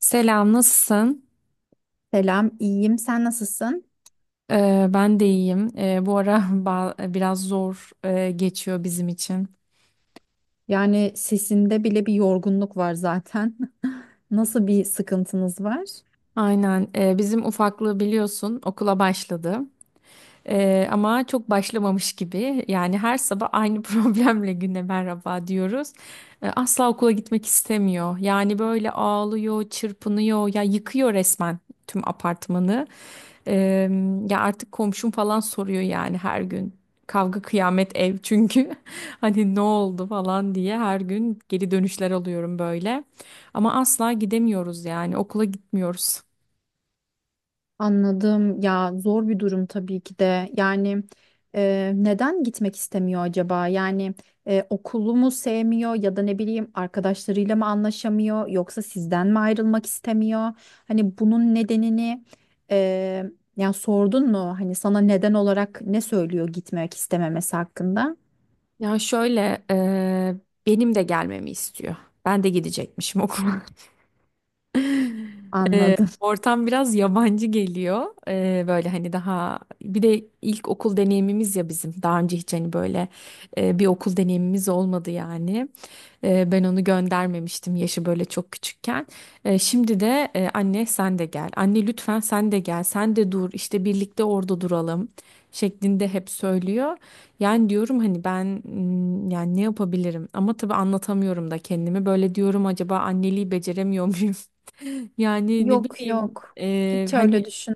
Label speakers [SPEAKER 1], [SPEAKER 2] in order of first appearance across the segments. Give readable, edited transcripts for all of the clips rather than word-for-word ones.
[SPEAKER 1] Selam, nasılsın?
[SPEAKER 2] Selam, iyiyim. Sen nasılsın?
[SPEAKER 1] Ben de iyiyim. Bu ara biraz zor geçiyor bizim için.
[SPEAKER 2] Yani sesinde bile bir yorgunluk var zaten. Nasıl bir sıkıntınız var?
[SPEAKER 1] Aynen, bizim ufaklığı biliyorsun okula başladı. Ama çok başlamamış gibi. Yani her sabah aynı problemle güne merhaba diyoruz. Asla okula gitmek istemiyor. Yani böyle ağlıyor, çırpınıyor, ya yıkıyor resmen tüm apartmanı. Ee, ya artık komşum falan soruyor yani her gün. Kavga kıyamet ev çünkü hani ne oldu falan diye her gün geri dönüşler alıyorum böyle. Ama asla gidemiyoruz yani okula gitmiyoruz.
[SPEAKER 2] Anladım. Ya zor bir durum tabii ki de. Yani neden gitmek istemiyor acaba? Yani okulu mu sevmiyor ya da ne bileyim arkadaşlarıyla mı anlaşamıyor yoksa sizden mi ayrılmak istemiyor? Hani bunun nedenini e, yani sordun mu? Hani sana neden olarak ne söylüyor gitmek istememesi hakkında?
[SPEAKER 1] Ya şöyle benim de gelmemi istiyor. Ben de gidecekmişim okula.
[SPEAKER 2] Anladım.
[SPEAKER 1] Ortam biraz yabancı geliyor. Böyle hani daha bir de ilk okul deneyimimiz ya bizim. Daha önce hiç hani böyle bir okul deneyimimiz olmadı yani. Ben onu göndermemiştim yaşı böyle çok küçükken. Şimdi de anne sen de gel. Anne lütfen sen de gel. Sen de dur. İşte birlikte orada duralım şeklinde hep söylüyor. Yani diyorum hani ben yani ne yapabilirim? Ama tabii anlatamıyorum da kendimi. Böyle diyorum acaba anneliği beceremiyor muyum? Yani ne
[SPEAKER 2] Yok,
[SPEAKER 1] bileyim
[SPEAKER 2] yok. Hiç öyle
[SPEAKER 1] hani
[SPEAKER 2] düşün.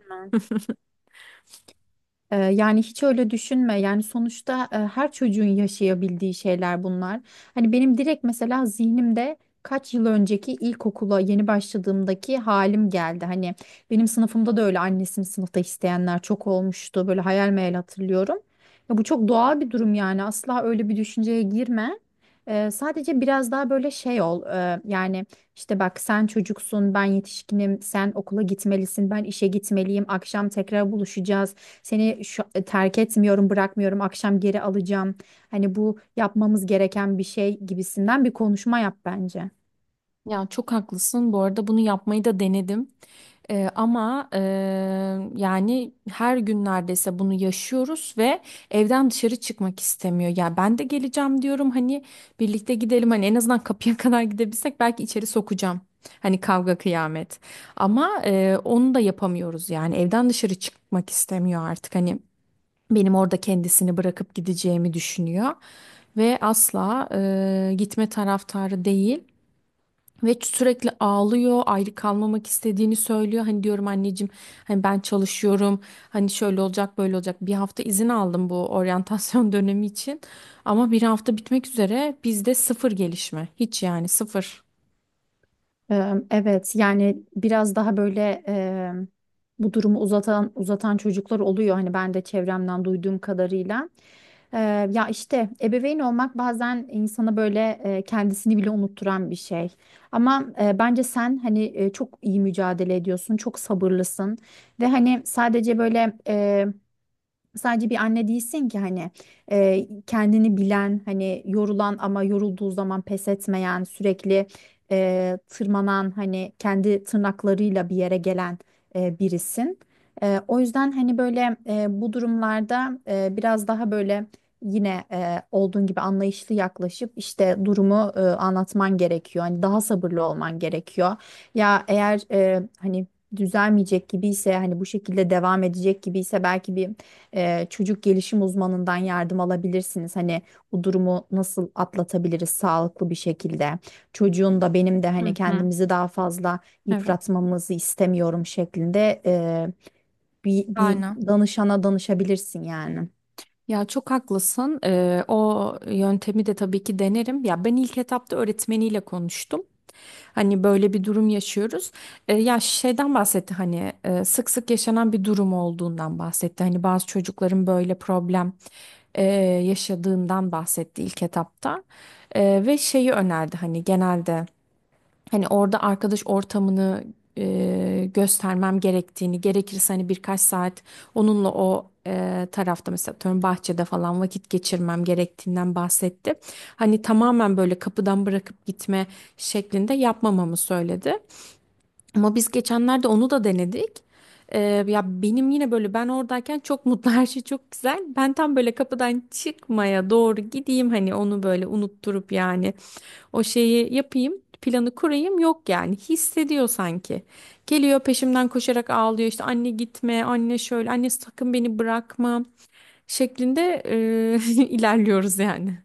[SPEAKER 2] Yani hiç öyle düşünme. Yani sonuçta her çocuğun yaşayabildiği şeyler bunlar. Hani benim direkt mesela zihnimde kaç yıl önceki ilkokula yeni başladığımdaki halim geldi. Hani benim sınıfımda da öyle annesini sınıfta isteyenler çok olmuştu. Böyle hayal meyal hatırlıyorum. Ya bu çok doğal bir durum yani. Asla öyle bir düşünceye girme. Sadece biraz daha böyle şey ol. Yani işte bak, sen çocuksun, ben yetişkinim, sen okula gitmelisin, ben işe gitmeliyim, akşam tekrar buluşacağız. Seni terk etmiyorum, bırakmıyorum, akşam geri alacağım. Hani bu yapmamız gereken bir şey gibisinden bir konuşma yap bence.
[SPEAKER 1] ya çok haklısın. Bu arada bunu yapmayı da denedim. Ama yani her gün neredeyse bunu yaşıyoruz ve evden dışarı çıkmak istemiyor. Ya ben de geleceğim diyorum hani birlikte gidelim hani en azından kapıya kadar gidebilsek belki içeri sokacağım. Hani kavga kıyamet. Ama onu da yapamıyoruz yani evden dışarı çıkmak istemiyor artık hani benim orada kendisini bırakıp gideceğimi düşünüyor ve asla gitme taraftarı değil. Ve sürekli ağlıyor, ayrı kalmamak istediğini söylüyor. Hani diyorum anneciğim, hani ben çalışıyorum, hani şöyle olacak, böyle olacak. Bir hafta izin aldım bu oryantasyon dönemi için. Ama bir hafta bitmek üzere bizde sıfır gelişme. Hiç yani sıfır.
[SPEAKER 2] Evet yani biraz daha böyle bu durumu uzatan uzatan çocuklar oluyor hani, ben de çevremden duyduğum kadarıyla. Ee, ya işte ebeveyn olmak bazen insana böyle kendisini bile unutturan bir şey. Ama bence sen hani çok iyi mücadele ediyorsun, çok sabırlısın ve hani sadece bir anne değilsin ki, hani kendini bilen, hani yorulan ama yorulduğu zaman pes etmeyen, sürekli tırmanan, hani kendi tırnaklarıyla bir yere gelen birisin. O yüzden hani böyle bu durumlarda biraz daha böyle yine olduğun gibi anlayışlı yaklaşıp işte durumu anlatman gerekiyor. Hani daha sabırlı olman gerekiyor. Ya eğer hani düzelmeyecek gibi ise, hani bu şekilde devam edecek gibi ise, belki bir çocuk gelişim uzmanından yardım alabilirsiniz. Hani bu durumu nasıl atlatabiliriz sağlıklı bir şekilde. Çocuğun da benim de hani
[SPEAKER 1] Hı hı.
[SPEAKER 2] kendimizi daha fazla
[SPEAKER 1] Evet.
[SPEAKER 2] yıpratmamızı istemiyorum şeklinde bir
[SPEAKER 1] Aynen.
[SPEAKER 2] danışana danışabilirsin yani.
[SPEAKER 1] Ya çok haklısın. O yöntemi de tabii ki denerim. Ya ben ilk etapta öğretmeniyle konuştum. Hani böyle bir durum yaşıyoruz. Ya şeyden bahsetti hani sık sık yaşanan bir durum olduğundan bahsetti. Hani bazı çocukların böyle problem e, yaşadığından bahsetti ilk etapta. Ve şeyi önerdi hani genelde. Hani orada arkadaş ortamını göstermem gerektiğini, gerekirse hani birkaç saat onunla o tarafta mesela atıyorum bahçede falan vakit geçirmem gerektiğinden bahsetti. Hani tamamen böyle kapıdan bırakıp gitme şeklinde yapmamamı söyledi. Ama biz geçenlerde onu da denedik. E, ya benim yine böyle ben oradayken çok mutlu her şey çok güzel. Ben tam böyle kapıdan çıkmaya doğru gideyim hani onu böyle unutturup yani o şeyi yapayım, planı kurayım yok yani. Hissediyor sanki. Geliyor peşimden koşarak ağlıyor işte anne gitme, anne şöyle, anne sakın beni bırakma şeklinde e, ilerliyoruz yani.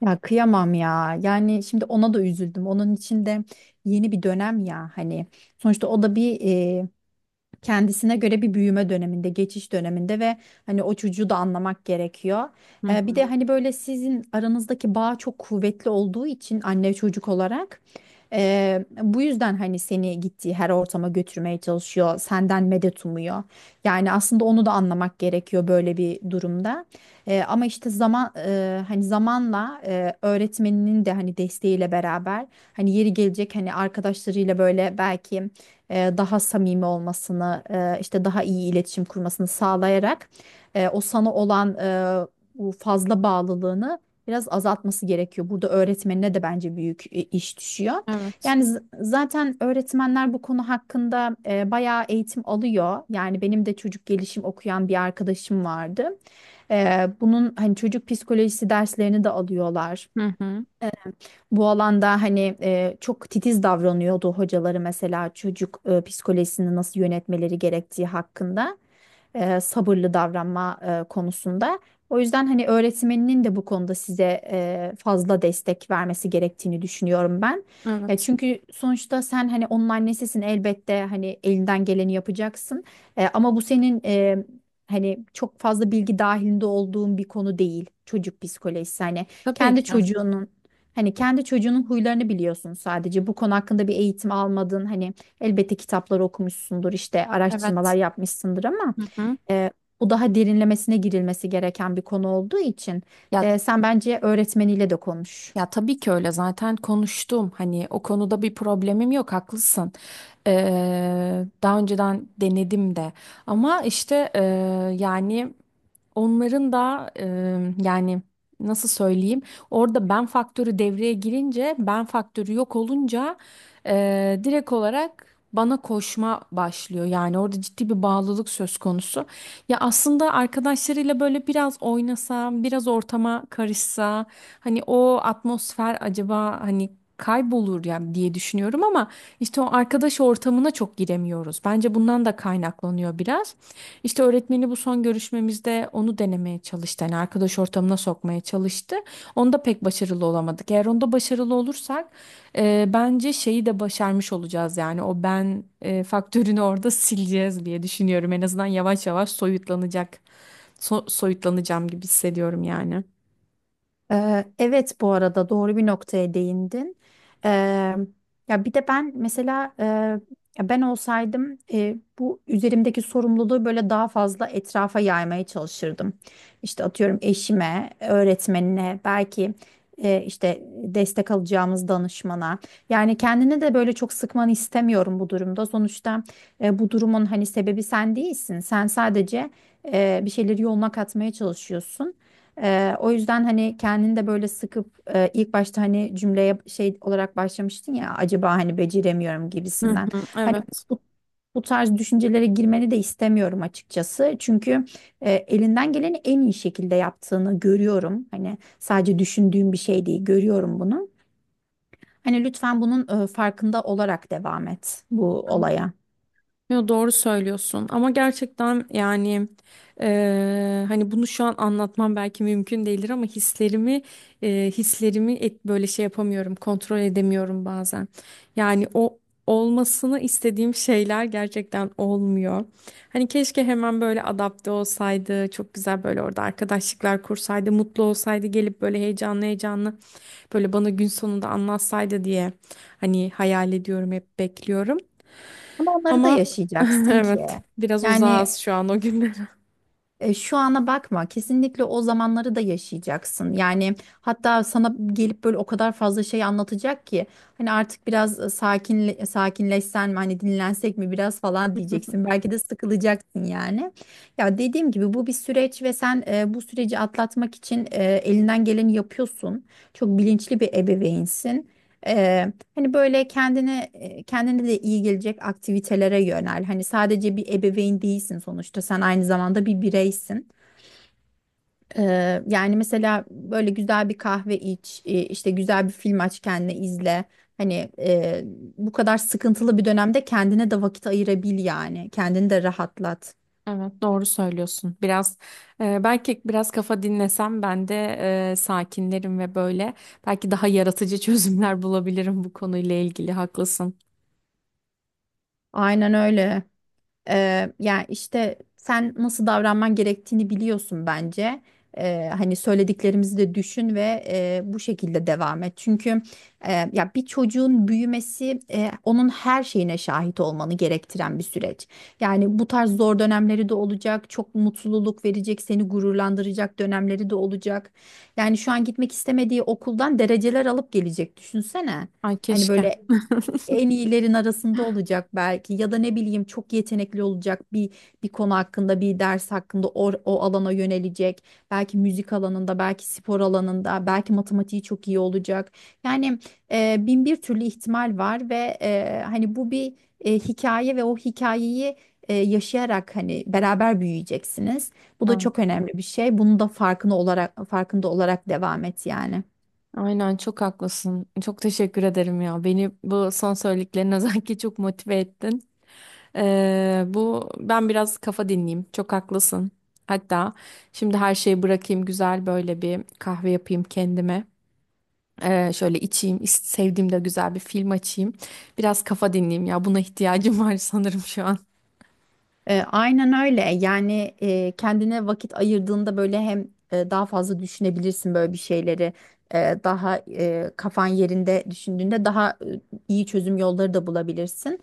[SPEAKER 2] Ya kıyamam ya. Yani şimdi ona da üzüldüm. Onun için de yeni bir dönem ya hani. Sonuçta o da bir kendisine göre bir büyüme döneminde, geçiş döneminde ve hani o çocuğu da anlamak gerekiyor. Bir de hani böyle sizin aranızdaki bağ çok kuvvetli olduğu için anne çocuk olarak bu yüzden hani seni gittiği her ortama götürmeye çalışıyor, senden medet umuyor. Yani aslında onu da anlamak gerekiyor böyle bir durumda. Ama işte zaman, hani zamanla öğretmeninin de hani desteğiyle beraber hani yeri gelecek, hani arkadaşlarıyla böyle belki daha samimi olmasını, işte daha iyi iletişim kurmasını sağlayarak o sana olan bu fazla bağlılığını biraz azaltması gerekiyor. Burada öğretmenine de bence büyük iş düşüyor.
[SPEAKER 1] Evet.
[SPEAKER 2] Yani zaten öğretmenler bu konu hakkında bayağı eğitim alıyor. Yani benim de çocuk gelişim okuyan bir arkadaşım vardı. Bunun hani çocuk psikolojisi derslerini de alıyorlar.
[SPEAKER 1] Hı hı.
[SPEAKER 2] Bu alanda hani çok titiz davranıyordu hocaları, mesela çocuk psikolojisini nasıl yönetmeleri gerektiği hakkında, sabırlı davranma konusunda. O yüzden hani öğretmeninin de bu konuda size fazla destek vermesi gerektiğini düşünüyorum ben. Ya
[SPEAKER 1] Evet.
[SPEAKER 2] çünkü sonuçta sen hani onun annesisin, elbette hani elinden geleni yapacaksın. Ama bu senin hani çok fazla bilgi dahilinde olduğun bir konu değil çocuk psikolojisi.
[SPEAKER 1] Tabii
[SPEAKER 2] Kendi
[SPEAKER 1] ki. Evet.
[SPEAKER 2] çocuğunun Hani kendi çocuğunun huylarını biliyorsun sadece. Bu konu hakkında bir eğitim almadın. Hani elbette kitapları okumuşsundur, işte araştırmalar
[SPEAKER 1] Evet.
[SPEAKER 2] yapmışsındır ama
[SPEAKER 1] Hı hı.
[SPEAKER 2] e, bu daha derinlemesine girilmesi gereken bir konu olduğu için
[SPEAKER 1] Ya
[SPEAKER 2] sen bence öğretmeniyle de konuş.
[SPEAKER 1] ya tabii ki öyle zaten konuştum hani o konuda bir problemim yok haklısın. Daha önceden denedim de ama işte yani onların da yani nasıl söyleyeyim orada ben faktörü devreye girince ben faktörü yok olunca direkt olarak bana koşma başlıyor. Yani orada ciddi bir bağlılık söz konusu. Ya aslında arkadaşlarıyla böyle biraz oynasa biraz ortama karışsa hani o atmosfer acaba hani kaybolur ya diye düşünüyorum ama işte o arkadaş ortamına çok giremiyoruz. Bence bundan da kaynaklanıyor biraz. İşte öğretmeni bu son görüşmemizde onu denemeye çalıştı. Yani arkadaş ortamına sokmaya çalıştı. Onda pek başarılı olamadık. Eğer onda başarılı olursak bence şeyi de başarmış olacağız. Yani o ben faktörünü orada sileceğiz diye düşünüyorum. En azından yavaş yavaş soyutlanacak. Soyutlanacağım gibi hissediyorum yani.
[SPEAKER 2] Evet, bu arada doğru bir noktaya değindin. Ee, ya bir de ben mesela ya ben olsaydım bu üzerimdeki sorumluluğu böyle daha fazla etrafa yaymaya çalışırdım. İşte atıyorum, eşime, öğretmenine, belki işte destek alacağımız danışmana. Yani kendini de böyle çok sıkmanı istemiyorum bu durumda. Sonuçta bu durumun hani sebebi sen değilsin. Sen sadece bir şeyleri yoluna katmaya çalışıyorsun. O yüzden hani kendini de böyle sıkıp ilk başta hani cümleye şey olarak başlamıştın ya, acaba hani beceremiyorum
[SPEAKER 1] Hı
[SPEAKER 2] gibisinden.
[SPEAKER 1] hı,
[SPEAKER 2] Hani
[SPEAKER 1] evet.
[SPEAKER 2] bu, bu tarz düşüncelere girmeni de istemiyorum açıkçası. Çünkü elinden geleni en iyi şekilde yaptığını görüyorum. Hani sadece düşündüğüm bir şey değil, görüyorum bunu. Hani lütfen bunun farkında olarak devam et bu
[SPEAKER 1] Hı.
[SPEAKER 2] olaya.
[SPEAKER 1] Yo, doğru söylüyorsun ama gerçekten yani hani bunu şu an anlatmam belki mümkün değildir ama hislerimi böyle şey yapamıyorum kontrol edemiyorum bazen. Yani o olmasını istediğim şeyler gerçekten olmuyor. Hani keşke hemen böyle adapte olsaydı çok güzel böyle orada arkadaşlıklar kursaydı mutlu olsaydı gelip böyle heyecanlı heyecanlı böyle bana gün sonunda anlatsaydı diye hani hayal ediyorum hep bekliyorum.
[SPEAKER 2] Ama onları da
[SPEAKER 1] Ama
[SPEAKER 2] yaşayacaksın ki.
[SPEAKER 1] evet biraz
[SPEAKER 2] Yani
[SPEAKER 1] uzağız şu an o günlere.
[SPEAKER 2] Şu ana bakma, kesinlikle o zamanları da yaşayacaksın. Yani hatta sana gelip böyle o kadar fazla şey anlatacak ki hani artık biraz sakinleşsen mi hani, dinlensek mi biraz falan diyeceksin. Belki de sıkılacaksın yani. Ya dediğim gibi, bu bir süreç ve sen bu süreci atlatmak için elinden geleni yapıyorsun. Çok bilinçli bir ebeveynsin. E, Hani böyle kendine, kendine de iyi gelecek aktivitelere yönel. Hani sadece bir ebeveyn değilsin sonuçta. Sen aynı zamanda bir bireysin. Yani mesela böyle güzel bir kahve iç, işte güzel bir film aç kendine izle. Hani bu kadar sıkıntılı bir dönemde kendine de vakit ayırabil yani. Kendini de rahatlat.
[SPEAKER 1] Evet, doğru söylüyorsun. Biraz belki biraz kafa dinlesem ben de sakinlerim ve böyle belki daha yaratıcı çözümler bulabilirim bu konuyla ilgili. Haklısın.
[SPEAKER 2] Aynen öyle. Yani işte sen nasıl davranman gerektiğini biliyorsun bence. Hani söylediklerimizi de düşün ve bu şekilde devam et. Çünkü ya bir çocuğun büyümesi onun her şeyine şahit olmanı gerektiren bir süreç. Yani bu tarz zor dönemleri de olacak, çok mutluluk verecek, seni gururlandıracak dönemleri de olacak. Yani şu an gitmek istemediği okuldan dereceler alıp gelecek, düşünsene.
[SPEAKER 1] Ay
[SPEAKER 2] Hani
[SPEAKER 1] keşke.
[SPEAKER 2] böyle en iyilerin arasında olacak belki, ya da ne bileyim çok yetenekli olacak bir bir konu hakkında, bir ders hakkında o, o alana yönelecek, belki müzik alanında, belki spor alanında, belki matematiği çok iyi olacak, yani bin bir türlü ihtimal var ve hani bu bir hikaye ve o hikayeyi yaşayarak hani beraber büyüyeceksiniz. Bu da çok
[SPEAKER 1] Ay-
[SPEAKER 2] önemli bir şey, bunu da farkında olarak devam et yani.
[SPEAKER 1] aynen çok haklısın. Çok teşekkür ederim ya. Beni bu son söylediklerin özellikle çok motive ettin. Bu ben biraz kafa dinleyeyim. Çok haklısın. Hatta şimdi her şeyi bırakayım güzel böyle bir kahve yapayım kendime. Şöyle içeyim, sevdiğim de güzel bir film açayım. Biraz kafa dinleyeyim ya. Buna ihtiyacım var sanırım şu an.
[SPEAKER 2] Aynen öyle. Yani kendine vakit ayırdığında böyle hem daha fazla düşünebilirsin böyle bir şeyleri. Daha kafan yerinde düşündüğünde daha iyi çözüm yolları da bulabilirsin.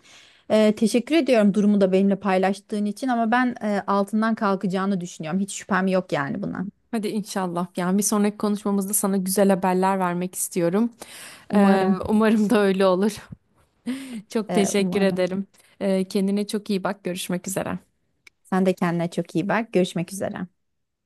[SPEAKER 2] Teşekkür ediyorum durumu da benimle paylaştığın için ama ben altından kalkacağını düşünüyorum. Hiç şüphem yok yani buna.
[SPEAKER 1] Hadi inşallah. Yani bir sonraki konuşmamızda sana güzel haberler vermek istiyorum.
[SPEAKER 2] Umarım,
[SPEAKER 1] Umarım da öyle olur. Çok teşekkür
[SPEAKER 2] umarım.
[SPEAKER 1] ederim. Kendine çok iyi bak. Görüşmek üzere.
[SPEAKER 2] Sen de kendine çok iyi bak. Görüşmek üzere.